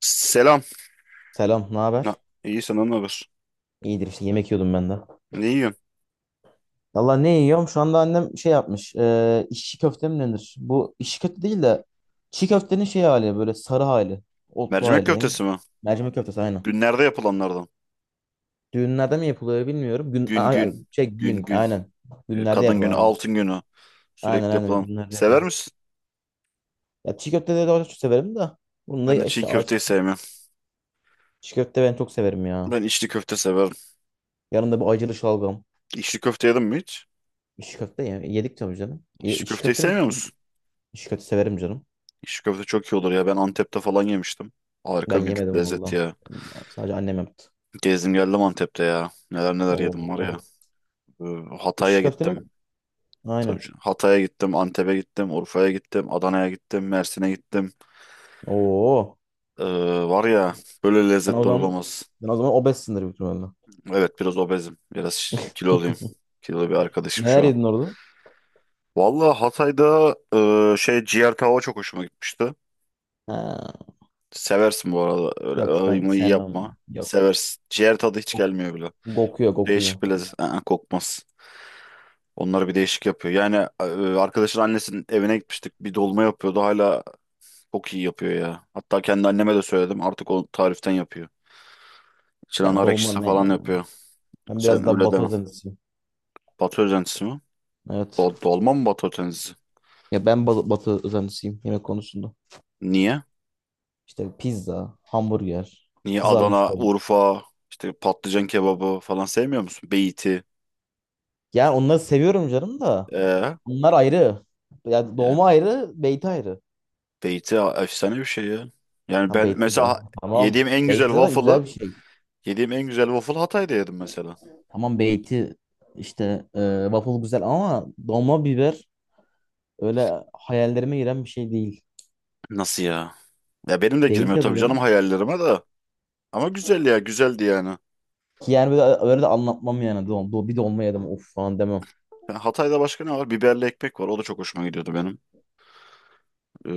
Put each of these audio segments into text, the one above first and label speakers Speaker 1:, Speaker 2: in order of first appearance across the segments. Speaker 1: Selam.
Speaker 2: Selam, ne
Speaker 1: Na,
Speaker 2: haber?
Speaker 1: iyi senden ne haber?
Speaker 2: İyidir işte yemek yiyordum ben de.
Speaker 1: Ne yiyorsun?
Speaker 2: Valla ne yiyorum? Şu anda annem şey yapmış. E, işçi köfte mi denir? Bu işçi köfte değil de çiğ köftenin şey hali böyle sarı hali. Otlu
Speaker 1: Mercimek
Speaker 2: hali. Ne?
Speaker 1: köftesi mi?
Speaker 2: Mercimek köftesi aynen.
Speaker 1: Günlerde yapılanlardan.
Speaker 2: Düğünlerde mi yapılıyor bilmiyorum. Gün,
Speaker 1: Gün gün.
Speaker 2: şey
Speaker 1: Gün
Speaker 2: gün
Speaker 1: gün.
Speaker 2: aynen. Günlerde
Speaker 1: Kadın günü,
Speaker 2: yapılan aynen.
Speaker 1: altın günü.
Speaker 2: Aynen
Speaker 1: Sürekli
Speaker 2: aynen
Speaker 1: yapılan.
Speaker 2: günlerde
Speaker 1: Sever
Speaker 2: yapılan.
Speaker 1: misin?
Speaker 2: Ya çiğ köfteleri de çok severim de. Bunu da
Speaker 1: Ben de çiğ
Speaker 2: işte
Speaker 1: köfteyi
Speaker 2: aç.
Speaker 1: sevmem.
Speaker 2: Çiğ köfte ben çok severim ya.
Speaker 1: Ben içli köfte severim.
Speaker 2: Yanında bu acılı şalgam.
Speaker 1: İçli köfte yedim mi hiç?
Speaker 2: İşçi köfte ya. Yedik tabii canım.
Speaker 1: İçli köfteyi sevmiyor musun?
Speaker 2: İşçi köfte severim canım.
Speaker 1: İçli köfte çok iyi olur ya. Ben Antep'te falan yemiştim.
Speaker 2: Ben
Speaker 1: Harika bir
Speaker 2: yemedim
Speaker 1: lezzet
Speaker 2: valla.
Speaker 1: ya.
Speaker 2: Sadece annem yaptı.
Speaker 1: Gezdim geldim Antep'te ya. Neler neler yedim var ya.
Speaker 2: Oo.
Speaker 1: E, Hatay'a
Speaker 2: İşi
Speaker 1: gittim.
Speaker 2: köftenin
Speaker 1: Tabii
Speaker 2: aynen.
Speaker 1: canım. Hatay'a gittim, Antep'e gittim, Urfa'ya gittim, Adana'ya gittim, Mersin'e gittim.
Speaker 2: Oo.
Speaker 1: Ee, Var ya, böyle
Speaker 2: Sen o
Speaker 1: lezzetler
Speaker 2: zaman
Speaker 1: olamaz.
Speaker 2: sen o zaman obezsindir büyük ihtimalle.
Speaker 1: Evet, biraz obezim. Biraz kiloluyum. Kilolu bir arkadaşım
Speaker 2: Neler
Speaker 1: şu an.
Speaker 2: yedin orada?
Speaker 1: Vallahi Hatay'da ciğer tava çok hoşuma gitmişti.
Speaker 2: Ha.
Speaker 1: Seversin bu arada. Öyle
Speaker 2: Yok
Speaker 1: ağıyı
Speaker 2: ben
Speaker 1: mıyı
Speaker 2: sevmem.
Speaker 1: yapma.
Speaker 2: Yok.
Speaker 1: Seversin. Ciğer tadı hiç gelmiyor bile.
Speaker 2: Kokuyor kokuyor.
Speaker 1: Değişik bir lezzet. Aa, kokmaz. Onları bir değişik yapıyor. Yani e, arkadaşın annesinin evine gitmiştik. Bir dolma yapıyordu. Hala çok iyi yapıyor ya. Hatta kendi anneme de söyledim. Artık o tariften yapıyor. İçine
Speaker 2: Ya
Speaker 1: nar
Speaker 2: dolma
Speaker 1: ekşisi
Speaker 2: ne
Speaker 1: falan
Speaker 2: ya?
Speaker 1: yapıyor.
Speaker 2: Ben biraz
Speaker 1: Sen
Speaker 2: daha
Speaker 1: öyle
Speaker 2: batı
Speaker 1: deme.
Speaker 2: özentisiyim.
Speaker 1: Batı özentisi mi?
Speaker 2: Evet.
Speaker 1: Dolma mı Batı Akdeniz'i?
Speaker 2: Ya ben batı özentisiyim yemek konusunda.
Speaker 1: Niye?
Speaker 2: İşte pizza, hamburger,
Speaker 1: Niye
Speaker 2: kızarmış
Speaker 1: Adana,
Speaker 2: tavuk.
Speaker 1: Urfa, işte patlıcan kebabı falan sevmiyor musun? Beyti.
Speaker 2: Yani onları seviyorum canım da.
Speaker 1: Ee,
Speaker 2: Onlar ayrı. Ya
Speaker 1: Yani
Speaker 2: dolma ayrı, beyti ayrı.
Speaker 1: beyti efsane bir şey ya. Yani
Speaker 2: Tam
Speaker 1: ben
Speaker 2: beyti de.
Speaker 1: mesela
Speaker 2: Tamam.
Speaker 1: yediğim en güzel
Speaker 2: Beyti zaten güzel
Speaker 1: waffle'ı,
Speaker 2: bir şey.
Speaker 1: yediğim en güzel waffle'ı Hatay'da yedim mesela.
Speaker 2: Tamam beyti işte waffle güzel ama dolma biber öyle hayallerime giren bir şey değil.
Speaker 1: Nasıl ya? Ya benim de
Speaker 2: Değil
Speaker 1: girmiyor
Speaker 2: tabii
Speaker 1: tabii canım
Speaker 2: canım.
Speaker 1: hayallerime de. Ama güzel ya, güzeldi yani.
Speaker 2: Ki yani böyle, öyle de anlatmam yani. Bir dolma yedim of falan demem.
Speaker 1: Ha, Hatay'da başka ne var? Biberli ekmek var. O da çok hoşuma gidiyordu benim.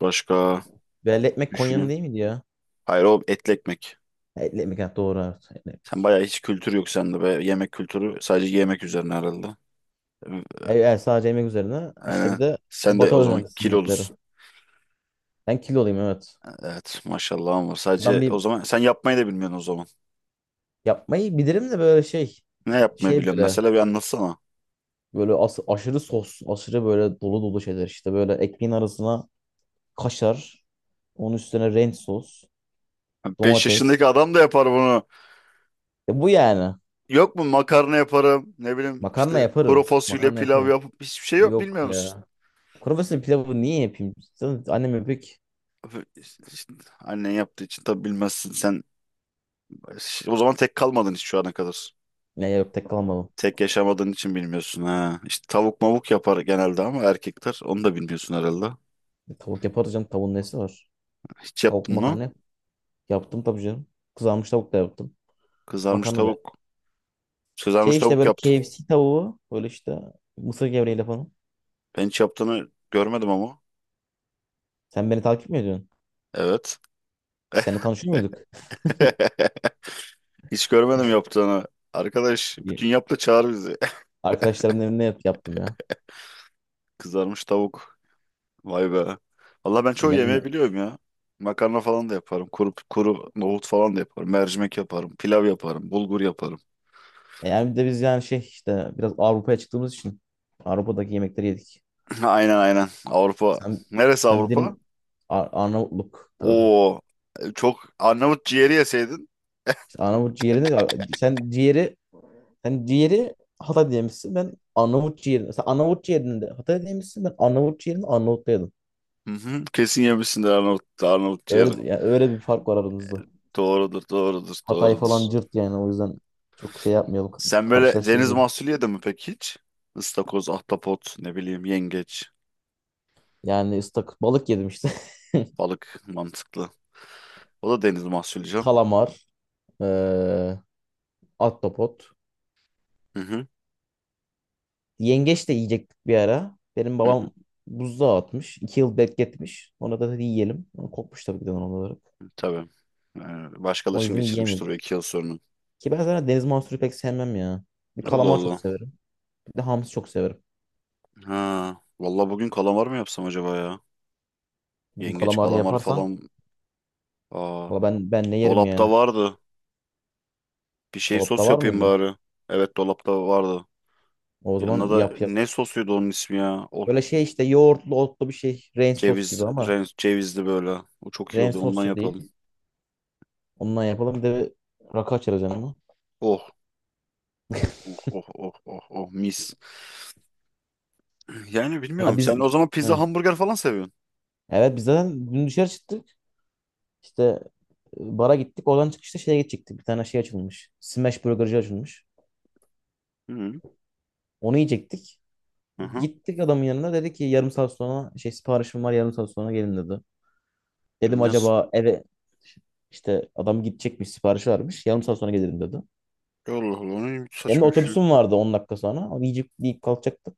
Speaker 1: Başka
Speaker 2: Belli ekmek Konya'nın
Speaker 1: düşüneyim.
Speaker 2: değil miydi ya?
Speaker 1: Hayır, o etli ekmek.
Speaker 2: Ha, etli ekmek ha, doğru evet. Etli
Speaker 1: Sen
Speaker 2: ekmek.
Speaker 1: bayağı hiç kültür yok sende be. Yemek kültürü sadece yemek üzerine herhalde. Evet.
Speaker 2: Sadece yemek üzerine işte bir
Speaker 1: Aynen.
Speaker 2: de
Speaker 1: Sen de
Speaker 2: batı
Speaker 1: o zaman
Speaker 2: özenlisi yemekleri.
Speaker 1: kilolusun.
Speaker 2: Ben kiloluyum evet.
Speaker 1: Evet maşallah, ama
Speaker 2: Ben
Speaker 1: sadece
Speaker 2: bir
Speaker 1: o zaman sen yapmayı da bilmiyorsun o zaman.
Speaker 2: yapmayı bilirim de böyle şey
Speaker 1: Ne yapmayı
Speaker 2: şey
Speaker 1: biliyorsun
Speaker 2: böyle
Speaker 1: mesela, bir anlatsana.
Speaker 2: Böyle aşırı sos, aşırı böyle dolu dolu şeyler işte. Böyle ekmeğin arasına kaşar, onun üstüne renk sos,
Speaker 1: 5 yaşındaki
Speaker 2: domates.
Speaker 1: adam da yapar bunu.
Speaker 2: E bu yani.
Speaker 1: Yok mu makarna yaparım, ne bileyim,
Speaker 2: Makarna
Speaker 1: işte kuru
Speaker 2: yaparım.
Speaker 1: fasulye
Speaker 2: Makarna
Speaker 1: pilav
Speaker 2: yapıyorum.
Speaker 1: yapıp, hiçbir şey yok,
Speaker 2: Yok
Speaker 1: bilmiyor musun?
Speaker 2: ya. Kuru fasulye pilavı niye yapayım? Zaten annem yapıyor ki.
Speaker 1: Öf, işte annen yaptığı için tabii bilmezsin sen. O zaman tek kalmadın hiç şu ana kadar.
Speaker 2: Ne yok tek kalmadım.
Speaker 1: Tek yaşamadığın için bilmiyorsun ha. İşte tavuk mavuk yapar genelde ama erkekler. Onu da bilmiyorsun herhalde.
Speaker 2: E, tavuk yaparız canım. Tavuğun nesi var?
Speaker 1: Hiç yaptın
Speaker 2: Tavuklu
Speaker 1: mı?
Speaker 2: makarna yap. Yaptım tabii canım. Kızarmış tavuk da yaptım.
Speaker 1: Kızarmış
Speaker 2: Makarna da yaptım.
Speaker 1: tavuk.
Speaker 2: Şey
Speaker 1: Kızarmış
Speaker 2: işte
Speaker 1: tavuk
Speaker 2: böyle
Speaker 1: yaptın.
Speaker 2: KFC tavuğu. Böyle işte mısır gevreğiyle falan.
Speaker 1: Ben hiç yaptığını görmedim ama.
Speaker 2: Sen beni takip mi ediyorsun?
Speaker 1: Evet.
Speaker 2: Biz seninle tanışıyor muyduk?
Speaker 1: Hiç görmedim yaptığını. Arkadaş bütün yap da çağır bizi.
Speaker 2: Arkadaşlarımın evinde yaptım ya.
Speaker 1: Kızarmış tavuk. Vay be. Valla ben çoğu yemeği
Speaker 2: Yanında.
Speaker 1: biliyorum ya. Makarna falan da yaparım. Kuru nohut falan da yaparım. Mercimek yaparım. Pilav yaparım. Bulgur yaparım.
Speaker 2: Yani bir de biz yani şey işte biraz Avrupa'ya çıktığımız için Avrupa'daki yemekleri yedik.
Speaker 1: Aynen, aynen. Avrupa.
Speaker 2: Sen
Speaker 1: Neresi
Speaker 2: sen bir
Speaker 1: Avrupa?
Speaker 2: dedim Ar- Arnavutluk tarafı.
Speaker 1: Oo, çok Arnavut ciğeri yeseydin.
Speaker 2: İşte Arnavut ciğeri sen ciğeri Hatay diyemişsin. Ben Arnavut ciğerini sen Arnavut ciğerini de Hatay diyemişsin. Ben Arnavut ciğerini Arnavut'ta yedim.
Speaker 1: Hı hı, kesin yemişsindir Arnavut ciğeri.
Speaker 2: Öyle yani öyle bir fark var aramızda.
Speaker 1: Doğrudur, doğrudur,
Speaker 2: Hatay
Speaker 1: doğrudur.
Speaker 2: falan cırt yani o yüzden çok şey yapmayalım
Speaker 1: Sen böyle deniz
Speaker 2: karşılaştırmayalım.
Speaker 1: mahsulü yedin mi peki hiç? Istakoz, ahtapot, ne bileyim, yengeç,
Speaker 2: Yani ıslak balık yedim işte.
Speaker 1: balık mantıklı. O da deniz mahsulü canım.
Speaker 2: Kalamar, eee, ahtapot.
Speaker 1: Hı hı,
Speaker 2: Yengeç de yiyecektik bir ara. Benim
Speaker 1: hı hı,
Speaker 2: babam buzluğa atmış. 2 yıl bekletmiş. Ona da dedi yiyelim. Ama kokmuş tabii ki de doğal olarak.
Speaker 1: tabii.
Speaker 2: O
Speaker 1: Başkalaşım
Speaker 2: yüzden
Speaker 1: geçirmiştir o
Speaker 2: yiyemedik.
Speaker 1: 2 yıl sonra.
Speaker 2: Ki ben zaten deniz mahsulü pek sevmem ya. Bir
Speaker 1: Allah
Speaker 2: kalamar çok
Speaker 1: Allah.
Speaker 2: severim. Bir de hamsi çok severim.
Speaker 1: Ha, vallahi bugün kalamar mı yapsam acaba ya?
Speaker 2: Bugün
Speaker 1: Yengeç,
Speaker 2: kalamarı
Speaker 1: kalamar
Speaker 2: yaparsan
Speaker 1: falan. Aa,
Speaker 2: valla ben ne yerim yani.
Speaker 1: dolapta vardı. Bir şey
Speaker 2: Dolapta
Speaker 1: sos
Speaker 2: var
Speaker 1: yapayım
Speaker 2: mıydı?
Speaker 1: bari. Evet, dolapta vardı.
Speaker 2: O
Speaker 1: Yanına
Speaker 2: zaman
Speaker 1: da
Speaker 2: yap yap.
Speaker 1: ne sosuydu onun ismi ya? O
Speaker 2: Böyle şey işte yoğurtlu otlu bir şey. Rain sos
Speaker 1: ceviz,
Speaker 2: gibi ama
Speaker 1: cevizli böyle. O çok iyi
Speaker 2: rain
Speaker 1: oluyor.
Speaker 2: sos
Speaker 1: Ondan
Speaker 2: da değil.
Speaker 1: yapalım.
Speaker 2: Ondan yapalım. Bir de rakı açarız yanına.
Speaker 1: Oh, oh, oh, oh, oh, oh, mis. Yani
Speaker 2: Ha
Speaker 1: bilmiyorum.
Speaker 2: biz.
Speaker 1: Sen o zaman pizza,
Speaker 2: Hı.
Speaker 1: hamburger falan seviyorsun.
Speaker 2: Evet biz zaten dün dışarı çıktık. İşte bara gittik. Oradan çıkışta şeye gidecektik. Bir tane şey açılmış. Smash Burger'cı açılmış.
Speaker 1: Hı hı.
Speaker 2: Onu yiyecektik.
Speaker 1: Hı hı.
Speaker 2: Gittik adamın yanına. Dedi ki yarım saat sonra şey siparişim var yarım saat sonra gelin dedi. Dedim
Speaker 1: Nasıl?
Speaker 2: acaba eve işte adam gidecekmiş siparişi vermiş. Yarım saat sonra gelirim dedi.
Speaker 1: Allah Allah. O ne
Speaker 2: Benim de
Speaker 1: saçma bir şey.
Speaker 2: otobüsüm vardı 10 dakika sonra. Onu yiyecek yiyip kalkacaktık.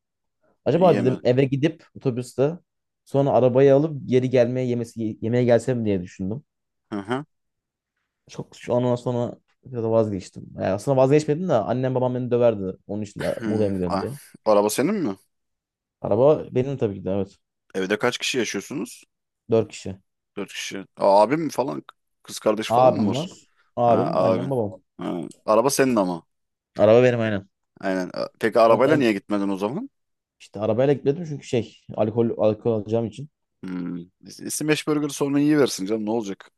Speaker 2: Acaba dedim
Speaker 1: Yeme.
Speaker 2: eve gidip otobüste sonra arabayı alıp geri gelmeye yemesi yemeğe gelsem diye düşündüm.
Speaker 1: Hı hı.
Speaker 2: Çok şu an sonra biraz da vazgeçtim. Yani aslında vazgeçmedim de annem babam beni döverdi. Onun için de Muğla'ya
Speaker 1: Hı.
Speaker 2: mı gidiyorsun
Speaker 1: Ah,
Speaker 2: diye.
Speaker 1: araba senin mi?
Speaker 2: Araba benim tabii ki de evet.
Speaker 1: Evde kaç kişi yaşıyorsunuz?
Speaker 2: 4 kişi.
Speaker 1: Dört kişi. Aa, abim mi falan? Kız kardeş falan mı
Speaker 2: Abim
Speaker 1: var?
Speaker 2: var.
Speaker 1: Ha,
Speaker 2: Abim, annem,
Speaker 1: abin.
Speaker 2: babam.
Speaker 1: Ha, araba senin ama.
Speaker 2: Araba benim aynen.
Speaker 1: Aynen. Peki
Speaker 2: O,
Speaker 1: arabayla niye
Speaker 2: o-
Speaker 1: gitmedin o zaman?
Speaker 2: işte arabayla gitmedim çünkü şey alkol alacağım için.
Speaker 1: Hmm. İsim beş burger sonra iyi versin canım, ne olacak?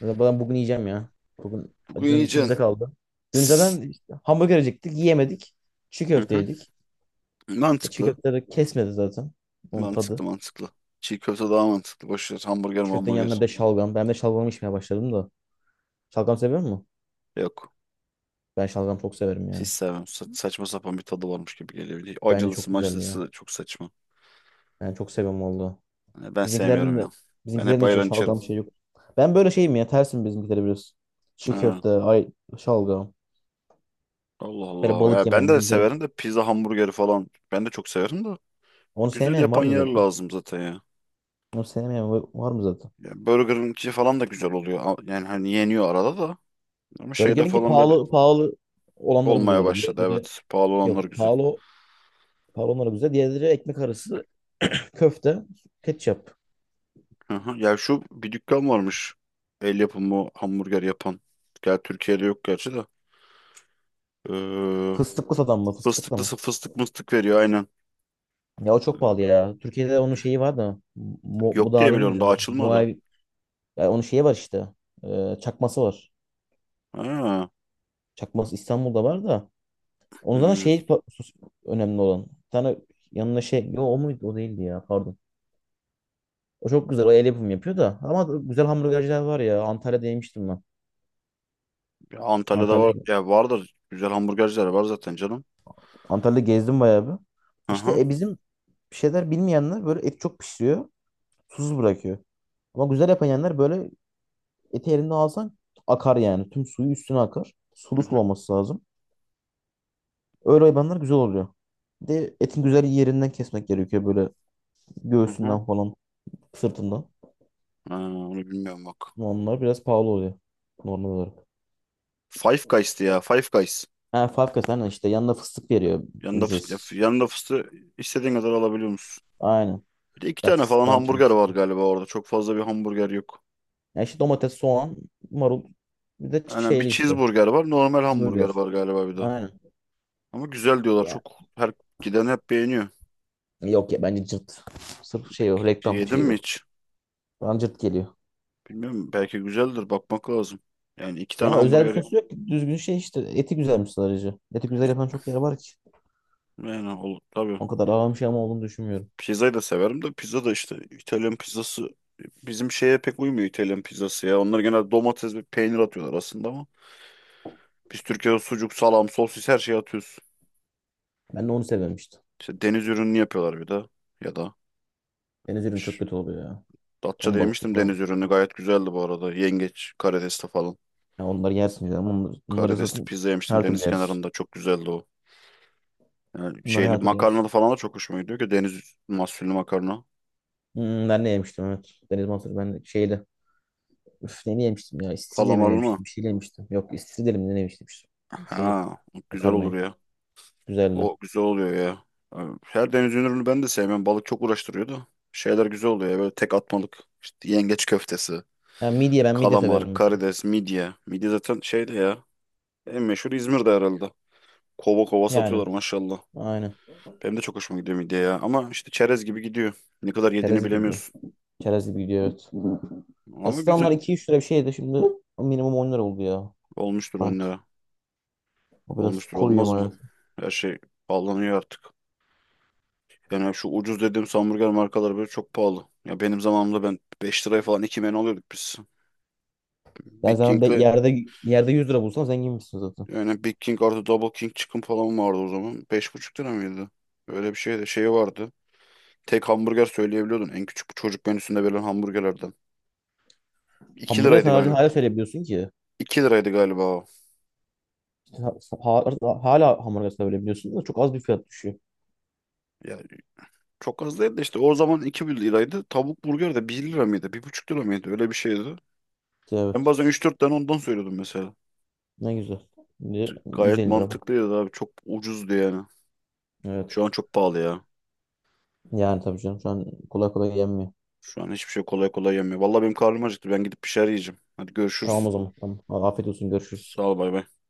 Speaker 2: Ya ben bugün yiyeceğim ya. Bugün
Speaker 1: Bugün
Speaker 2: dün
Speaker 1: yiyeceksin.
Speaker 2: içimizde kaldı. Dün
Speaker 1: Tıs.
Speaker 2: zaten işte hamburger yiyecektik, yiyemedik. Çiğ
Speaker 1: Hı
Speaker 2: köfte
Speaker 1: hı.
Speaker 2: yedik. E, çiğ
Speaker 1: Mantıklı.
Speaker 2: köfteleri kesmedi zaten. Onun
Speaker 1: Mantıklı,
Speaker 2: tadı.
Speaker 1: mantıklı. Çiğ köfte daha mantıklı. Boş ver. Hamburger,
Speaker 2: Çiğ köftenin yanına
Speaker 1: hamburger.
Speaker 2: bir de şalgam. Ben de şalgam içmeye başladım da. Şalgam seviyor musun?
Speaker 1: Yok.
Speaker 2: Ben şalgam çok severim
Speaker 1: Hiç
Speaker 2: ya.
Speaker 1: sevmem. Saçma sapan bir tadı varmış gibi geliyor. Bir de
Speaker 2: Bence
Speaker 1: acılısı
Speaker 2: çok güzel
Speaker 1: macılısı
Speaker 2: ya.
Speaker 1: da çok saçma.
Speaker 2: Yani çok seviyorum valla.
Speaker 1: Yani ben
Speaker 2: Bizimkilerin
Speaker 1: sevmiyorum
Speaker 2: de
Speaker 1: ya. Ben hep
Speaker 2: bizimkilerin de hiç
Speaker 1: ayran içerim.
Speaker 2: şalgam şey yok. Ben böyle şeyim ya tersim bizimkileri biraz. Çiğ
Speaker 1: Ha.
Speaker 2: köfte, ay şalgam.
Speaker 1: Allah
Speaker 2: Böyle
Speaker 1: Allah.
Speaker 2: balık
Speaker 1: Ya ben
Speaker 2: yemem
Speaker 1: de
Speaker 2: bizimkiler.
Speaker 1: severim de pizza hamburgeri falan. Ben de çok severim de.
Speaker 2: Onu
Speaker 1: Güzel
Speaker 2: sevmeyen var
Speaker 1: yapan
Speaker 2: mı
Speaker 1: yer
Speaker 2: zaten?
Speaker 1: lazım zaten ya.
Speaker 2: Onu sevmeyen var mı zaten?
Speaker 1: Ya Burger'ınki falan da güzel oluyor. Yani hani yeniyor arada da. Ama şeyde
Speaker 2: Burger'inki
Speaker 1: falan böyle
Speaker 2: pahalı pahalı olanları güzel
Speaker 1: olmaya
Speaker 2: oluyor.
Speaker 1: başladı.
Speaker 2: Diğerleri
Speaker 1: Evet. Pahalı olanlar
Speaker 2: yok.
Speaker 1: güzel.
Speaker 2: Pahalı pahalı olanları güzel. Diğerleri ekmek arası köfte, ketçap.
Speaker 1: Hı hı. Ya şu bir dükkan varmış. El yapımı hamburger yapan. Gel, Türkiye'de yok gerçi de. Ee,
Speaker 2: Fıstıklı satan mı? Fıstıklı mı?
Speaker 1: Fıstıklısı fıstık mıstık veriyor aynen.
Speaker 2: Ya o çok pahalı ya. Türkiye'de onun şeyi var da mu,
Speaker 1: Yok diye
Speaker 2: mudavim mi
Speaker 1: biliyorum, daha
Speaker 2: denir?
Speaker 1: açılmadı.
Speaker 2: Muavi, ya onun şeyi var işte. Çakması var.
Speaker 1: Ha.
Speaker 2: Çakması İstanbul'da var da. Onun zaten
Speaker 1: Hmm.
Speaker 2: önemli olan. Bir tane yanına şey. Yo, o muydu? O değildi ya. Pardon. O çok güzel. O el yapımı yapıyor da. Ama güzel hamburgerciler var ya. Antalya'da yemiştim ben.
Speaker 1: Ya Antalya'da var.
Speaker 2: Antalya'ya
Speaker 1: Ya vardır. Güzel hamburgerciler var zaten canım.
Speaker 2: Antalya'da gezdim bayağı bir.
Speaker 1: Hı hı.
Speaker 2: İşte bizim şeyler bilmeyenler böyle et çok pişiriyor. Susuz bırakıyor. Ama güzel yapan yerler böyle eti elinde alsan akar yani. Tüm suyu üstüne akar. Sulu
Speaker 1: Hı hı.
Speaker 2: sulaması lazım. Öyle hayvanlar güzel oluyor. Bir de etin güzel yerinden kesmek gerekiyor böyle
Speaker 1: Hı hı.
Speaker 2: göğsünden falan sırtından.
Speaker 1: Ha, onu bilmiyorum bak.
Speaker 2: Onlar biraz pahalı oluyor normal olarak.
Speaker 1: Five Guys'tı ya. Five Guys.
Speaker 2: Ha Favkas aynen işte yanında fıstık veriyor
Speaker 1: Yanında fıstığı,
Speaker 2: ücretsiz.
Speaker 1: yanında fıstığı istediğin kadar alabiliyor musun?
Speaker 2: Aynen.
Speaker 1: Bir de iki
Speaker 2: Ya
Speaker 1: tane
Speaker 2: fıstık
Speaker 1: falan
Speaker 2: ne yapacağım
Speaker 1: hamburger var
Speaker 2: fıstığı?
Speaker 1: galiba orada. Çok fazla bir hamburger yok.
Speaker 2: Ya işte domates, soğan, marul bir de
Speaker 1: Yani bir
Speaker 2: şeyli işte.
Speaker 1: cheeseburger var. Normal hamburger
Speaker 2: Cheeseburger.
Speaker 1: var galiba bir de.
Speaker 2: Aynen.
Speaker 1: Ama güzel diyorlar.
Speaker 2: Ya.
Speaker 1: Çok, her giden hep beğeniyor.
Speaker 2: Yok ya bence cırt. Sırf şey o reklam
Speaker 1: Yedin
Speaker 2: şeyi
Speaker 1: mi
Speaker 2: o.
Speaker 1: hiç?
Speaker 2: Bana cırt geliyor.
Speaker 1: Bilmiyorum. Belki güzeldir. Bakmak lazım. Yani iki tane
Speaker 2: Yani özel bir
Speaker 1: hamburger yap.
Speaker 2: sosu yok ki. Düzgün şey işte. Eti güzelmiş sadece. Eti güzel
Speaker 1: Yani,
Speaker 2: yapan çok yer var ki.
Speaker 1: yani olur tabii.
Speaker 2: O kadar ağam şey ama olduğunu düşünmüyorum.
Speaker 1: Pizzayı da severim de, pizza da işte İtalyan pizzası bizim şeye pek uymuyor İtalyan pizzası ya. Onlar genelde domates ve peynir atıyorlar aslında ama biz Türkiye'de sucuk, salam, sosis, her şeyi atıyoruz.
Speaker 2: Ben de onu sevmemiştim.
Speaker 1: İşte deniz ürünü yapıyorlar bir de. Ya da
Speaker 2: Deniz ürünü çok
Speaker 1: Şş,
Speaker 2: kötü oluyor ya.
Speaker 1: Datça'da
Speaker 2: Ton balıklı
Speaker 1: yemiştim
Speaker 2: falan.
Speaker 1: deniz ürünü. Gayet güzeldi bu arada. Yengeç, karidesli falan.
Speaker 2: Ya onları yersin ya. Bunları
Speaker 1: Karidesli
Speaker 2: zaten
Speaker 1: pizza yemiştim
Speaker 2: her türlü
Speaker 1: deniz
Speaker 2: yeriz.
Speaker 1: kenarında. Çok güzeldi o. Yani
Speaker 2: Bunları
Speaker 1: şeyli
Speaker 2: her türlü yeriz.
Speaker 1: makarnalı falan da çok hoşuma gidiyor ki, deniz mahsullü makarna.
Speaker 2: Hmm, ben ne yemiştim evet. Deniz mahsulü ben de şeyde. Üf ne yemiştim ya? İstiridye mi
Speaker 1: Kalamarlı mı?
Speaker 2: yemiştim? Bir şeyle yemiştim. Yok istiridye mi ne yemiştim? İşte. Şeyi.
Speaker 1: Ha, güzel olur
Speaker 2: Makarnayı.
Speaker 1: ya.
Speaker 2: Güzeldi.
Speaker 1: O güzel oluyor ya. Yani her deniz ürünü ben de sevmem. Balık çok uğraştırıyor da. Şeyler güzel oluyor ya. Böyle tek atmalık. İşte yengeç köftesi,
Speaker 2: Ya midye ben midye severim
Speaker 1: kalamar,
Speaker 2: mesela.
Speaker 1: karides, midye. Midye zaten şeydi ya. En meşhur İzmir'de herhalde. Kova kova
Speaker 2: Yani.
Speaker 1: satıyorlar maşallah.
Speaker 2: Aynen.
Speaker 1: Benim de çok hoşuma gidiyor midye ya. Ama işte çerez gibi gidiyor. Ne kadar yediğini
Speaker 2: Çerez gibi gidiyor.
Speaker 1: bilemiyorsun.
Speaker 2: Çerez gibi gidiyor evet.
Speaker 1: Ama
Speaker 2: Eskiden onlar
Speaker 1: güzel,
Speaker 2: iki üç lira bir şeydi. Şimdi minimum 10 lira oldu ya.
Speaker 1: olmuştur on
Speaker 2: Tanesi.
Speaker 1: lira.
Speaker 2: O biraz
Speaker 1: Olmuştur, olmaz
Speaker 2: koyuyor.
Speaker 1: mı? Her şey pahalanıyor artık. Yani şu ucuz dediğim hamburger markaları böyle çok pahalı. Ya benim zamanımda ben 5 liraya falan 2 menü alıyorduk biz.
Speaker 2: Yani
Speaker 1: Big
Speaker 2: sen
Speaker 1: King'le,
Speaker 2: yerde yerde 100 lira bulsan zenginmişsin zaten.
Speaker 1: yani Big King artı Double King çıkın falan vardı o zaman. 5,5 lira mıydı? Öyle bir şeydi. Şeyi vardı. Tek hamburger söyleyebiliyordun. En küçük çocuk menüsünde verilen hamburgerlerden. 2
Speaker 2: Hamburger
Speaker 1: liraydı
Speaker 2: sadece
Speaker 1: galiba.
Speaker 2: hala söyleyebiliyorsun ki.
Speaker 1: 2 liraydı galiba o.
Speaker 2: Ha- ha- Hala hamburger söyleyebiliyorsun da çok az bir fiyat düşüyor.
Speaker 1: Ya çok az değil de, işte o zaman 2 liraydı. Tavuk burger de 1 lira mıydı, 1,5 lira mıydı? Öyle bir şeydi.
Speaker 2: İşte evet.
Speaker 1: Ben bazen 3-4 tane ondan söylüyordum mesela.
Speaker 2: Ne güzel. Şimdi
Speaker 1: Gayet
Speaker 2: 150 lira bu.
Speaker 1: mantıklıydı abi. Çok ucuzdu yani.
Speaker 2: Evet.
Speaker 1: Şu an çok pahalı ya.
Speaker 2: Yani tabii canım şu an kolay kolay yenmiyor.
Speaker 1: Şu an hiçbir şey kolay kolay yemiyor. Vallahi benim karnım acıktı. Ben gidip bir şeyler yiyeceğim. Hadi görüşürüz.
Speaker 2: Tamam o zaman. Tamam. Afiyet olsun.
Speaker 1: Sağ
Speaker 2: Görüşürüz.
Speaker 1: ol, bay bay.